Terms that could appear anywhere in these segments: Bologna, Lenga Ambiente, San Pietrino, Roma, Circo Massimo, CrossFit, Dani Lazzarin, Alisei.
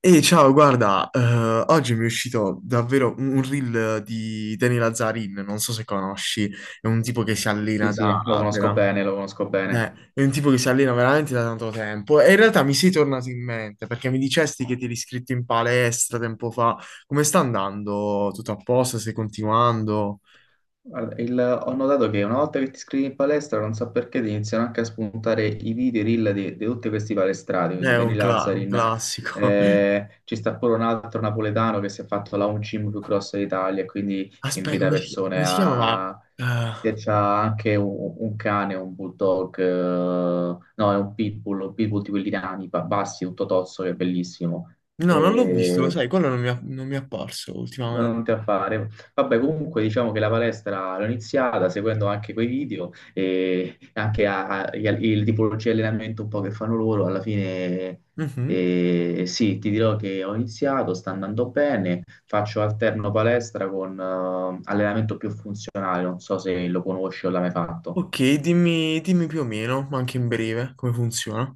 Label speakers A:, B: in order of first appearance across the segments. A: E ciao, guarda, oggi mi è uscito davvero un reel di Dani Lazzarin, non so se conosci, è un tipo che si
B: Sì,
A: allena da,
B: sì, lo conosco
A: vera-
B: bene, lo conosco bene.
A: è un tipo che si allena veramente da tanto tempo e in realtà mi sei tornato in mente perché mi dicesti che ti eri iscritto in palestra tempo fa, come sta andando? Tutto a posto? Stai continuando?
B: Guarda, ho notato che una volta che ti iscrivi in palestra, non so perché, ti iniziano anche a spuntare i video, i reel di tutti questi palestrati, quindi
A: È un,
B: Dani
A: cla- un
B: Lazzarin,
A: classico.
B: ci sta pure un altro napoletano che si è fatto la home gym più grossa d'Italia, e quindi
A: Aspetta,
B: invita
A: come si,
B: persone
A: come si chiamava?
B: a...
A: Eh,
B: e c'ha anche un cane, un bulldog, no, è un pitbull di quelli nani, bassi, tutto tozzo, che è bellissimo.
A: no, non l'ho visto, lo sai, quello non mi è apparso
B: Non
A: ultimamente.
B: te a fare. Vabbè, comunque diciamo che la palestra l'ho iniziata seguendo anche quei video e anche il tipologia di allenamento un po' che fanno loro. Alla fine,
A: Mhm.
B: sì, ti dirò che ho iniziato, sta andando bene. Faccio alterno palestra con allenamento più funzionale. Non so se lo conosci o l'hai mai fatto.
A: Ok, dimmi, dimmi più o meno, ma anche in breve, come funziona.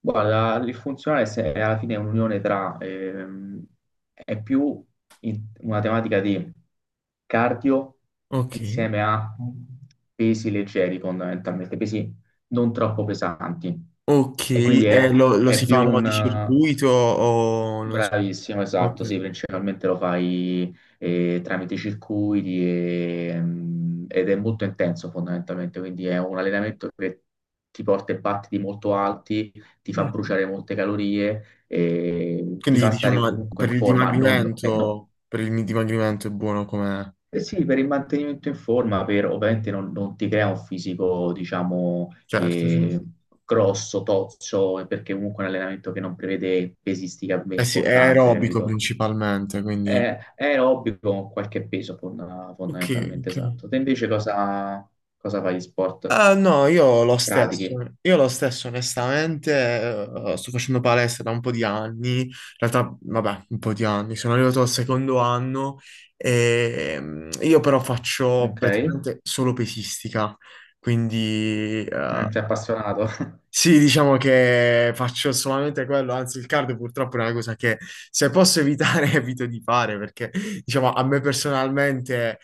B: Guarda, il funzionale se- è alla fine è un'unione tra, è più una tematica di cardio
A: Ok.
B: insieme a pesi leggeri fondamentalmente, pesi non troppo pesanti.
A: Ok,
B: E quindi è,
A: lo
B: è
A: si fa a
B: più
A: mo'
B: un,
A: di circuito o non so.
B: Bravissimo,
A: Ok.
B: esatto, sì, principalmente lo fai tramite circuiti ed è molto intenso fondamentalmente, quindi è un allenamento che ti porta in partiti molto alti, ti fa
A: Mhm.
B: bruciare molte calorie, e ti
A: Quindi
B: fa stare
A: diciamo
B: comunque
A: per
B: in
A: il
B: forma, non, no.
A: dimagrimento, per il dimagrimento è buono come...
B: Eh sì, per il mantenimento in forma, per, ovviamente non ti crea un fisico, diciamo,
A: Certo, certo.
B: grosso, tozzo, perché comunque è un allenamento che non prevede pesistica
A: Eh sì, è
B: importante,
A: aerobico
B: capito?
A: principalmente, quindi...
B: È, è aerobio con qualche peso
A: Ok,
B: fondamentalmente
A: ok.
B: esatto. Te invece cosa fai di sport?
A: Ah, no,
B: Se pratichi,
A: io lo stesso onestamente, sto facendo palestra da un po' di anni, in realtà vabbè, un po' di anni, sono arrivato al secondo anno e io però faccio
B: ok?
A: praticamente solo pesistica, quindi
B: Mm, sei appassionato?
A: sì, diciamo che faccio solamente quello, anzi il cardio purtroppo è una cosa che se posso evitare evito di fare perché diciamo a me personalmente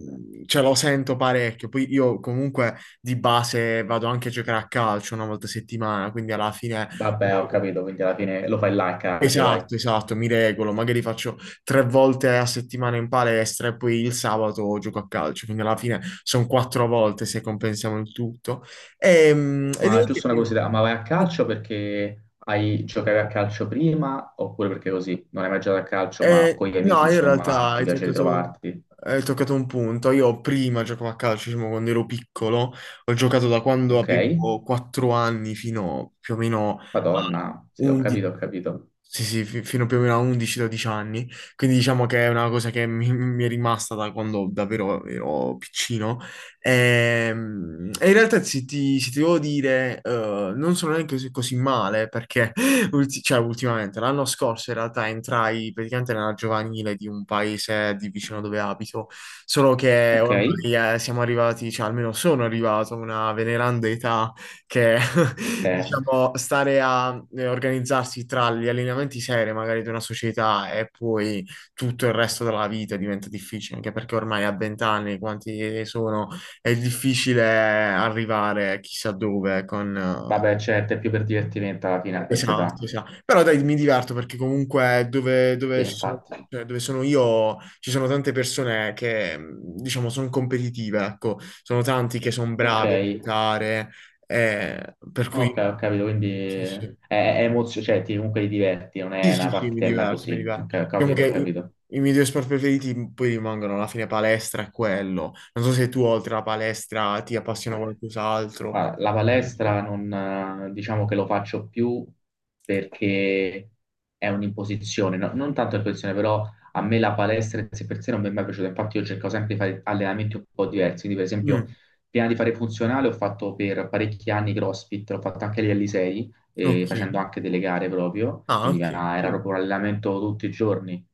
A: ce lo sento parecchio, poi io comunque di base vado anche a giocare a calcio una volta a settimana, quindi alla fine.
B: Vabbè, ho capito, quindi alla fine lo fai là il cardio, dai.
A: Esatto, esatto, mi regolo, magari faccio tre volte a settimana in palestra e poi il sabato gioco a calcio, quindi alla fine sono quattro volte se compensiamo il tutto. Ehm, E,
B: Ma
A: devo dire
B: giusto una
A: che no.
B: curiosità, ma vai a calcio perché giocavi a calcio prima oppure perché così? Non hai mai giocato a calcio, ma con gli amici,
A: No, io in realtà
B: insomma, ti
A: hai
B: piace
A: toccato,
B: ritrovarti,
A: hai toccato un punto. Io prima giocavo a calcio, diciamo, quando ero piccolo, ho giocato da quando
B: ok?
A: avevo 4 anni fino più o meno a
B: Madonna, sì, ho capito, ho
A: 11.
B: capito.
A: Sì, sì, fino più o meno a 11-12 anni, quindi diciamo che è una cosa che mi è rimasta da quando davvero ero piccino. In realtà se ti devo dire, non sono neanche così, così male perché cioè, ultimamente, l'anno scorso in realtà entrai praticamente nella giovanile di un paese di vicino dove abito, solo che
B: Ok,
A: ormai siamo arrivati, cioè almeno sono arrivato a una veneranda età che
B: eh,
A: diciamo, stare a organizzarsi tra gli allineamenti seri magari di una società e poi tutto il resto della vita diventa difficile, anche perché ormai a 20 anni, quanti sono, è difficile arrivare chissà dove con...
B: Vabbè, certo, è più per divertimento alla fine a questa
A: Esatto,
B: età.
A: esatto. Però dai, mi diverto perché comunque dove,
B: Sì,
A: dove ci sono,
B: infatti.
A: cioè, dove sono io ci sono tante persone che, diciamo, sono competitive, ecco, sono tanti che sono
B: Ok,
A: bravi a giocare, per cui
B: ok, ho capito, quindi
A: sì, sì.
B: è cioè ti, comunque ti diverti, non
A: Sì,
B: è
A: sì,
B: una
A: sì, mi
B: partitella
A: diverto, mi
B: così. Ok,
A: diverto.
B: ho
A: Diciamo
B: capito,
A: che
B: ho
A: i,
B: capito.
A: i miei due sport preferiti poi rimangono alla fine palestra e quello. Non so se tu oltre alla palestra ti appassiona qualcos'altro.
B: Ma la palestra
A: No.
B: non, diciamo che lo faccio più perché è un'imposizione, non tanto un'imposizione, però a me la palestra in sé per sé non mi è mai piaciuta, infatti io cerco sempre di fare allenamenti un po' diversi, quindi per esempio
A: Mm,
B: prima di fare funzionale ho fatto per parecchi anni CrossFit, l'ho fatto anche agli Alisei,
A: ok.
B: facendo anche delle gare proprio,
A: Ah,
B: quindi
A: ok.
B: era
A: Sì.
B: proprio un allenamento tutti i giorni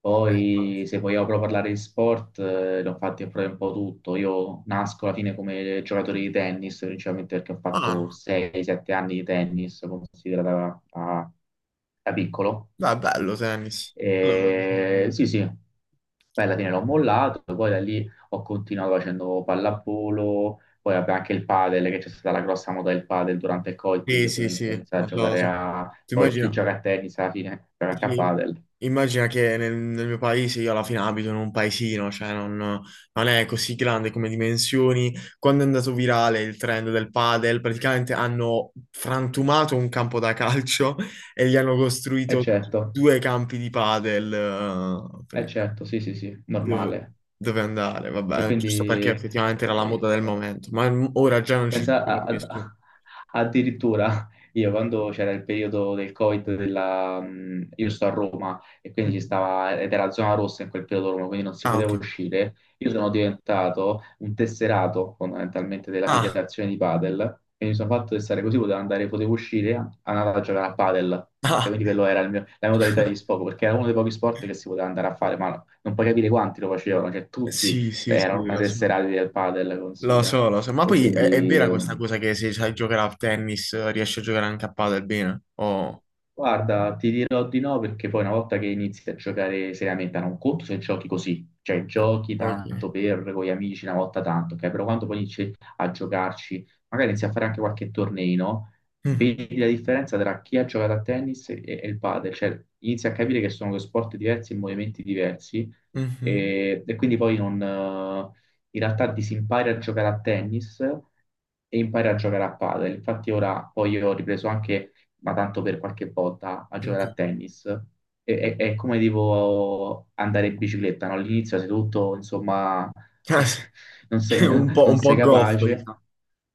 B: poi, se vogliamo proprio parlare di sport, ne ho fatti proprio un po' tutto. Io nasco alla fine come giocatore di tennis, principalmente perché ho fatto
A: Ah.
B: 6-7 anni di tennis, considerata da piccolo.
A: No, è bello tennis.
B: E,
A: Mm.
B: sì, sì, poi alla fine l'ho mollato, poi da lì ho continuato facendo pallavolo, poi vabbè, anche il padel, che c'è stata la grossa moda del padel durante il Covid, quindi
A: Sì, sì,
B: ovviamente ho
A: sì,
B: iniziato a
A: lo so, lo
B: giocare
A: so.
B: a...
A: Tu
B: Poi chi
A: immagina,
B: gioca a tennis alla fine gioca anche a
A: sì,
B: padel.
A: immagina che nel mio paese io alla fine abito in un paesino, cioè non è così grande come dimensioni. Quando è andato virale il trend del padel, praticamente hanno frantumato un campo da calcio e gli hanno
B: E
A: costruito
B: certo.
A: due campi di padel.
B: Eh certo, sì, sì, sì,
A: Dove,
B: normale.
A: dove andare,
B: E
A: vabbè, giusto perché
B: quindi
A: effettivamente era la moda
B: eh,
A: del momento, ma ora già non ci
B: Pensa
A: sono più nessuno.
B: addirittura io quando c'era il periodo del Covid, della, io sto a Roma e quindi ci
A: Mhm.
B: stava, ed era zona rossa in quel periodo a Roma, quindi non si
A: Ah,
B: poteva
A: ok.
B: uscire. Io sono diventato un tesserato fondamentalmente della
A: Ah,
B: federazione di padel e mi sono fatto testare così, potevo andare, potevo uscire, andare a giocare a padel. Ok?
A: ah.
B: Quindi quello era la mia modalità di sfogo, perché era uno dei pochi sport che si poteva andare a fare, ma non puoi capire quanti lo facevano, cioè tutti
A: Sì, sì,
B: era
A: sì,
B: ormai
A: lo so.
B: tesserati del padel,
A: Lo
B: considera.
A: so, lo so. Ma
B: E
A: poi è
B: quindi
A: vera questa cosa che se sai giocare a tennis riesci a giocare anche a padel bene? Oh,
B: guarda, ti dirò di no perché poi una volta che inizi a giocare seriamente, non conto se giochi così, cioè giochi tanto
A: ok.
B: per con gli amici una volta tanto, ok? Però quando poi inizi a giocarci, magari inizi a fare anche qualche torneino,
A: Mhm,
B: vedi la differenza tra chi ha giocato a tennis e il padel, cioè inizi a capire che sono due sport diversi e movimenti diversi
A: mhm,
B: e quindi poi non, in realtà disimpari a giocare a tennis e impari a giocare a padel. Infatti ora poi io ho ripreso anche ma tanto per qualche volta a giocare
A: ok.
B: a tennis. È, è come tipo andare in bicicletta, no? All'inizio sei tutto, insomma,
A: Ah, sì.
B: non sei,
A: Un po',
B: non
A: un
B: sei
A: po' goffo,
B: capace.
A: diciamo.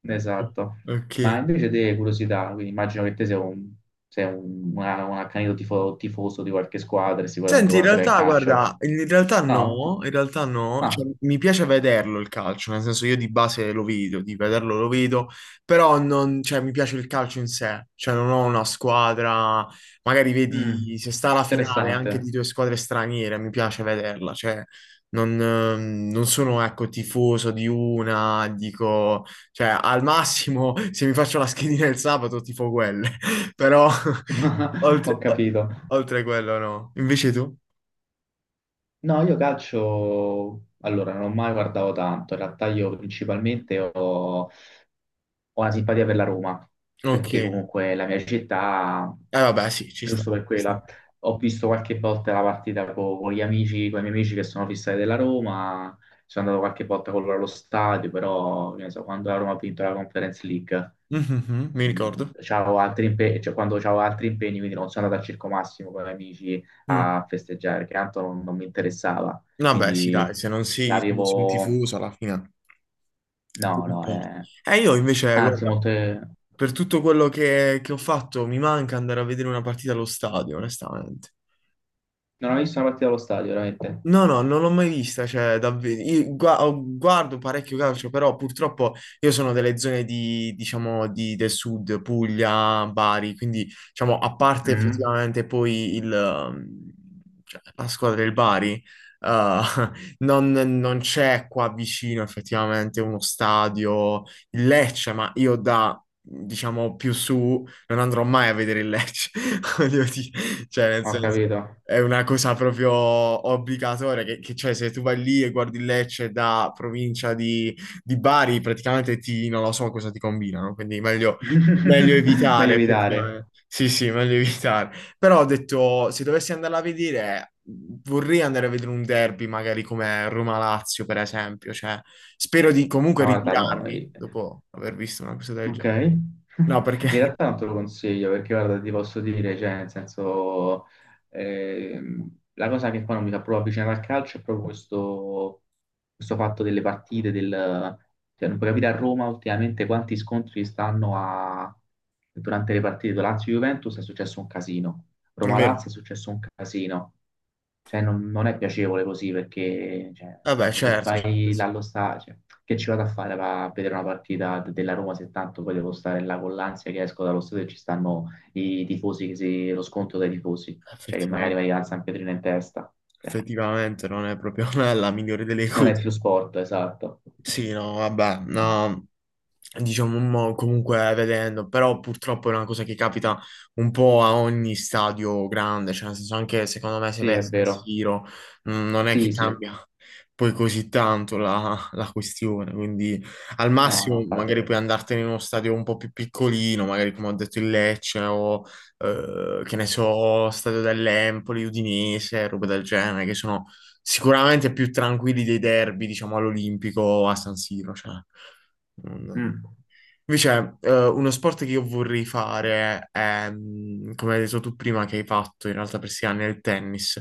B: Esatto.
A: Ok.
B: Ma invece te, curiosità, quindi immagino che te sei un un accanito tifoso di qualche squadra e sicuramente
A: Senti, in
B: guarderai il
A: realtà,
B: calcio.
A: guarda,
B: No?
A: in realtà no, cioè,
B: Ah,
A: mi piace vederlo il calcio, nel senso io di base lo vedo, di vederlo lo vedo, però non, cioè, mi piace il calcio in sé, cioè non ho una squadra, magari
B: mm,
A: vedi se sta la finale anche
B: interessante.
A: di due squadre straniere, mi piace vederla, cioè non, non sono, ecco, tifoso di una, dico, cioè al massimo se mi faccio la schedina il sabato tifo quelle, però...
B: Ho
A: Oltre,
B: capito.
A: Oltre quello no. Invece tu?
B: No, io calcio, allora non ho mai guardato tanto, in realtà io principalmente ho una simpatia per la Roma,
A: Ok.
B: perché
A: Eh
B: comunque è la mia città,
A: vabbè, sì, ci sta,
B: giusto per
A: ci sta.
B: quella, ho visto qualche volta la partita con, gli amici, con i miei amici che sono fissati della Roma, sono andato qualche volta con loro allo stadio, però che ne so, quando la Roma ha vinto la Conference League
A: Mhm, mi
B: Mm,
A: ricordo.
B: c'avevo altri impegni, cioè, quando c'avevo altri impegni, quindi non sono andato al Circo Massimo con gli amici
A: Mm.
B: a festeggiare, perché tanto non, non mi interessava.
A: Vabbè, sì,
B: Quindi
A: dai, se non si è un
B: l'avevo...
A: tifoso alla fine.
B: No, no,
A: Ok.
B: eh.
A: Io invece,
B: Anzi,
A: guarda,
B: molte...
A: per tutto quello che ho fatto, mi manca andare a vedere una partita allo stadio, onestamente.
B: Non ho visto una partita allo stadio, veramente.
A: No, no, non l'ho mai vista, cioè, davvero. Io guardo parecchio calcio, però purtroppo io sono delle zone di, diciamo, del sud, Puglia, Bari, quindi, diciamo, a parte
B: Mm,
A: effettivamente poi cioè, la squadra del Bari, eh, non c'è qua vicino effettivamente uno stadio, il Lecce, ma io da, diciamo, più su non andrò mai a vedere il Lecce, voglio dire, cioè, nel
B: ho
A: senso...
B: capito.
A: È una cosa proprio obbligatoria, cioè se tu vai lì e guardi il Lecce da provincia di Bari, praticamente ti, non lo so cosa ti combinano, quindi meglio
B: Meglio
A: evitare,
B: evitare.
A: effettivamente. Sì, sì, meglio evitare. Però ho detto, se dovessi andarla a vedere, vorrei andare a vedere un derby, magari come Roma-Lazio, per esempio. Cioè, spero di comunque
B: Ma guarda, no.
A: ritirarmi dopo aver visto una cosa del
B: Ok.
A: genere.
B: In
A: No, perché...
B: realtà non te lo consiglio perché guarda, ti posso dire, cioè, nel senso, la cosa che poi non mi fa proprio avvicinare al calcio è proprio questo, questo fatto delle partite, del, cioè non puoi capire a Roma ultimamente quanti scontri stanno a, durante le partite. Lazio-Juventus è successo un casino,
A: È vero.
B: Roma-Lazio è successo un casino. Cioè, non è piacevole così perché, cioè, nel
A: Vabbè,
B: senso, se
A: certo, certo.
B: vai là allo stadio, cioè, che ci vado a fare va a vedere una partita della Roma se tanto poi devo stare là con l'ansia che esco dallo stadio e ci stanno i tifosi, che lo scontro dai tifosi cioè che magari
A: Effettivamente.
B: vai al San Pietrino in testa. Eh,
A: Effettivamente non è proprio la migliore delle
B: non è
A: cose.
B: più sport, esatto.
A: Sì, no, vabbè,
B: Mm.
A: no, diciamo comunque vedendo, però purtroppo è una cosa che capita un po' a ogni stadio grande, cioè nel senso anche secondo me se
B: Sì,
A: vai a
B: è
A: San
B: vero.
A: Siro non è che
B: Sì, sì.
A: cambia poi così tanto la, la questione, quindi al
B: No,
A: massimo
B: no, fate...
A: magari puoi andartene in uno stadio un po' più piccolino, magari come ho detto il Lecce o che ne so, Stadio dell'Empoli, Udinese, robe del genere, che sono sicuramente più tranquilli dei derby, diciamo, all'Olimpico o a San Siro, cioè. mm,
B: Mm.
A: Invece, uno sport che io vorrei fare è, come hai detto tu prima, che hai fatto in realtà per 6 anni, è il tennis.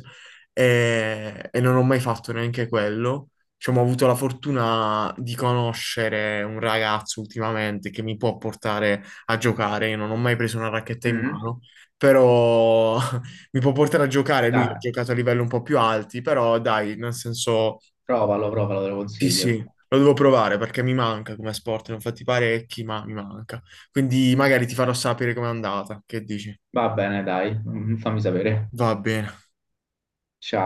A: E non ho mai fatto neanche quello. Diciamo, ho avuto la fortuna di conoscere un ragazzo ultimamente che mi può portare a giocare. Io non ho mai preso una racchetta in
B: Mm.
A: mano, però mi può portare a giocare. Lui ha
B: Dai,
A: giocato a livelli un po' più alti, però dai, nel senso
B: provalo, provalo, te lo
A: sì,
B: consiglio.
A: sì, lo devo provare perché mi manca come sport, ne ho fatti parecchi, ma mi manca. Quindi magari ti farò sapere com'è andata. Che dici?
B: Va bene, dai, Mm, fammi sapere.
A: Va bene.
B: Ciao.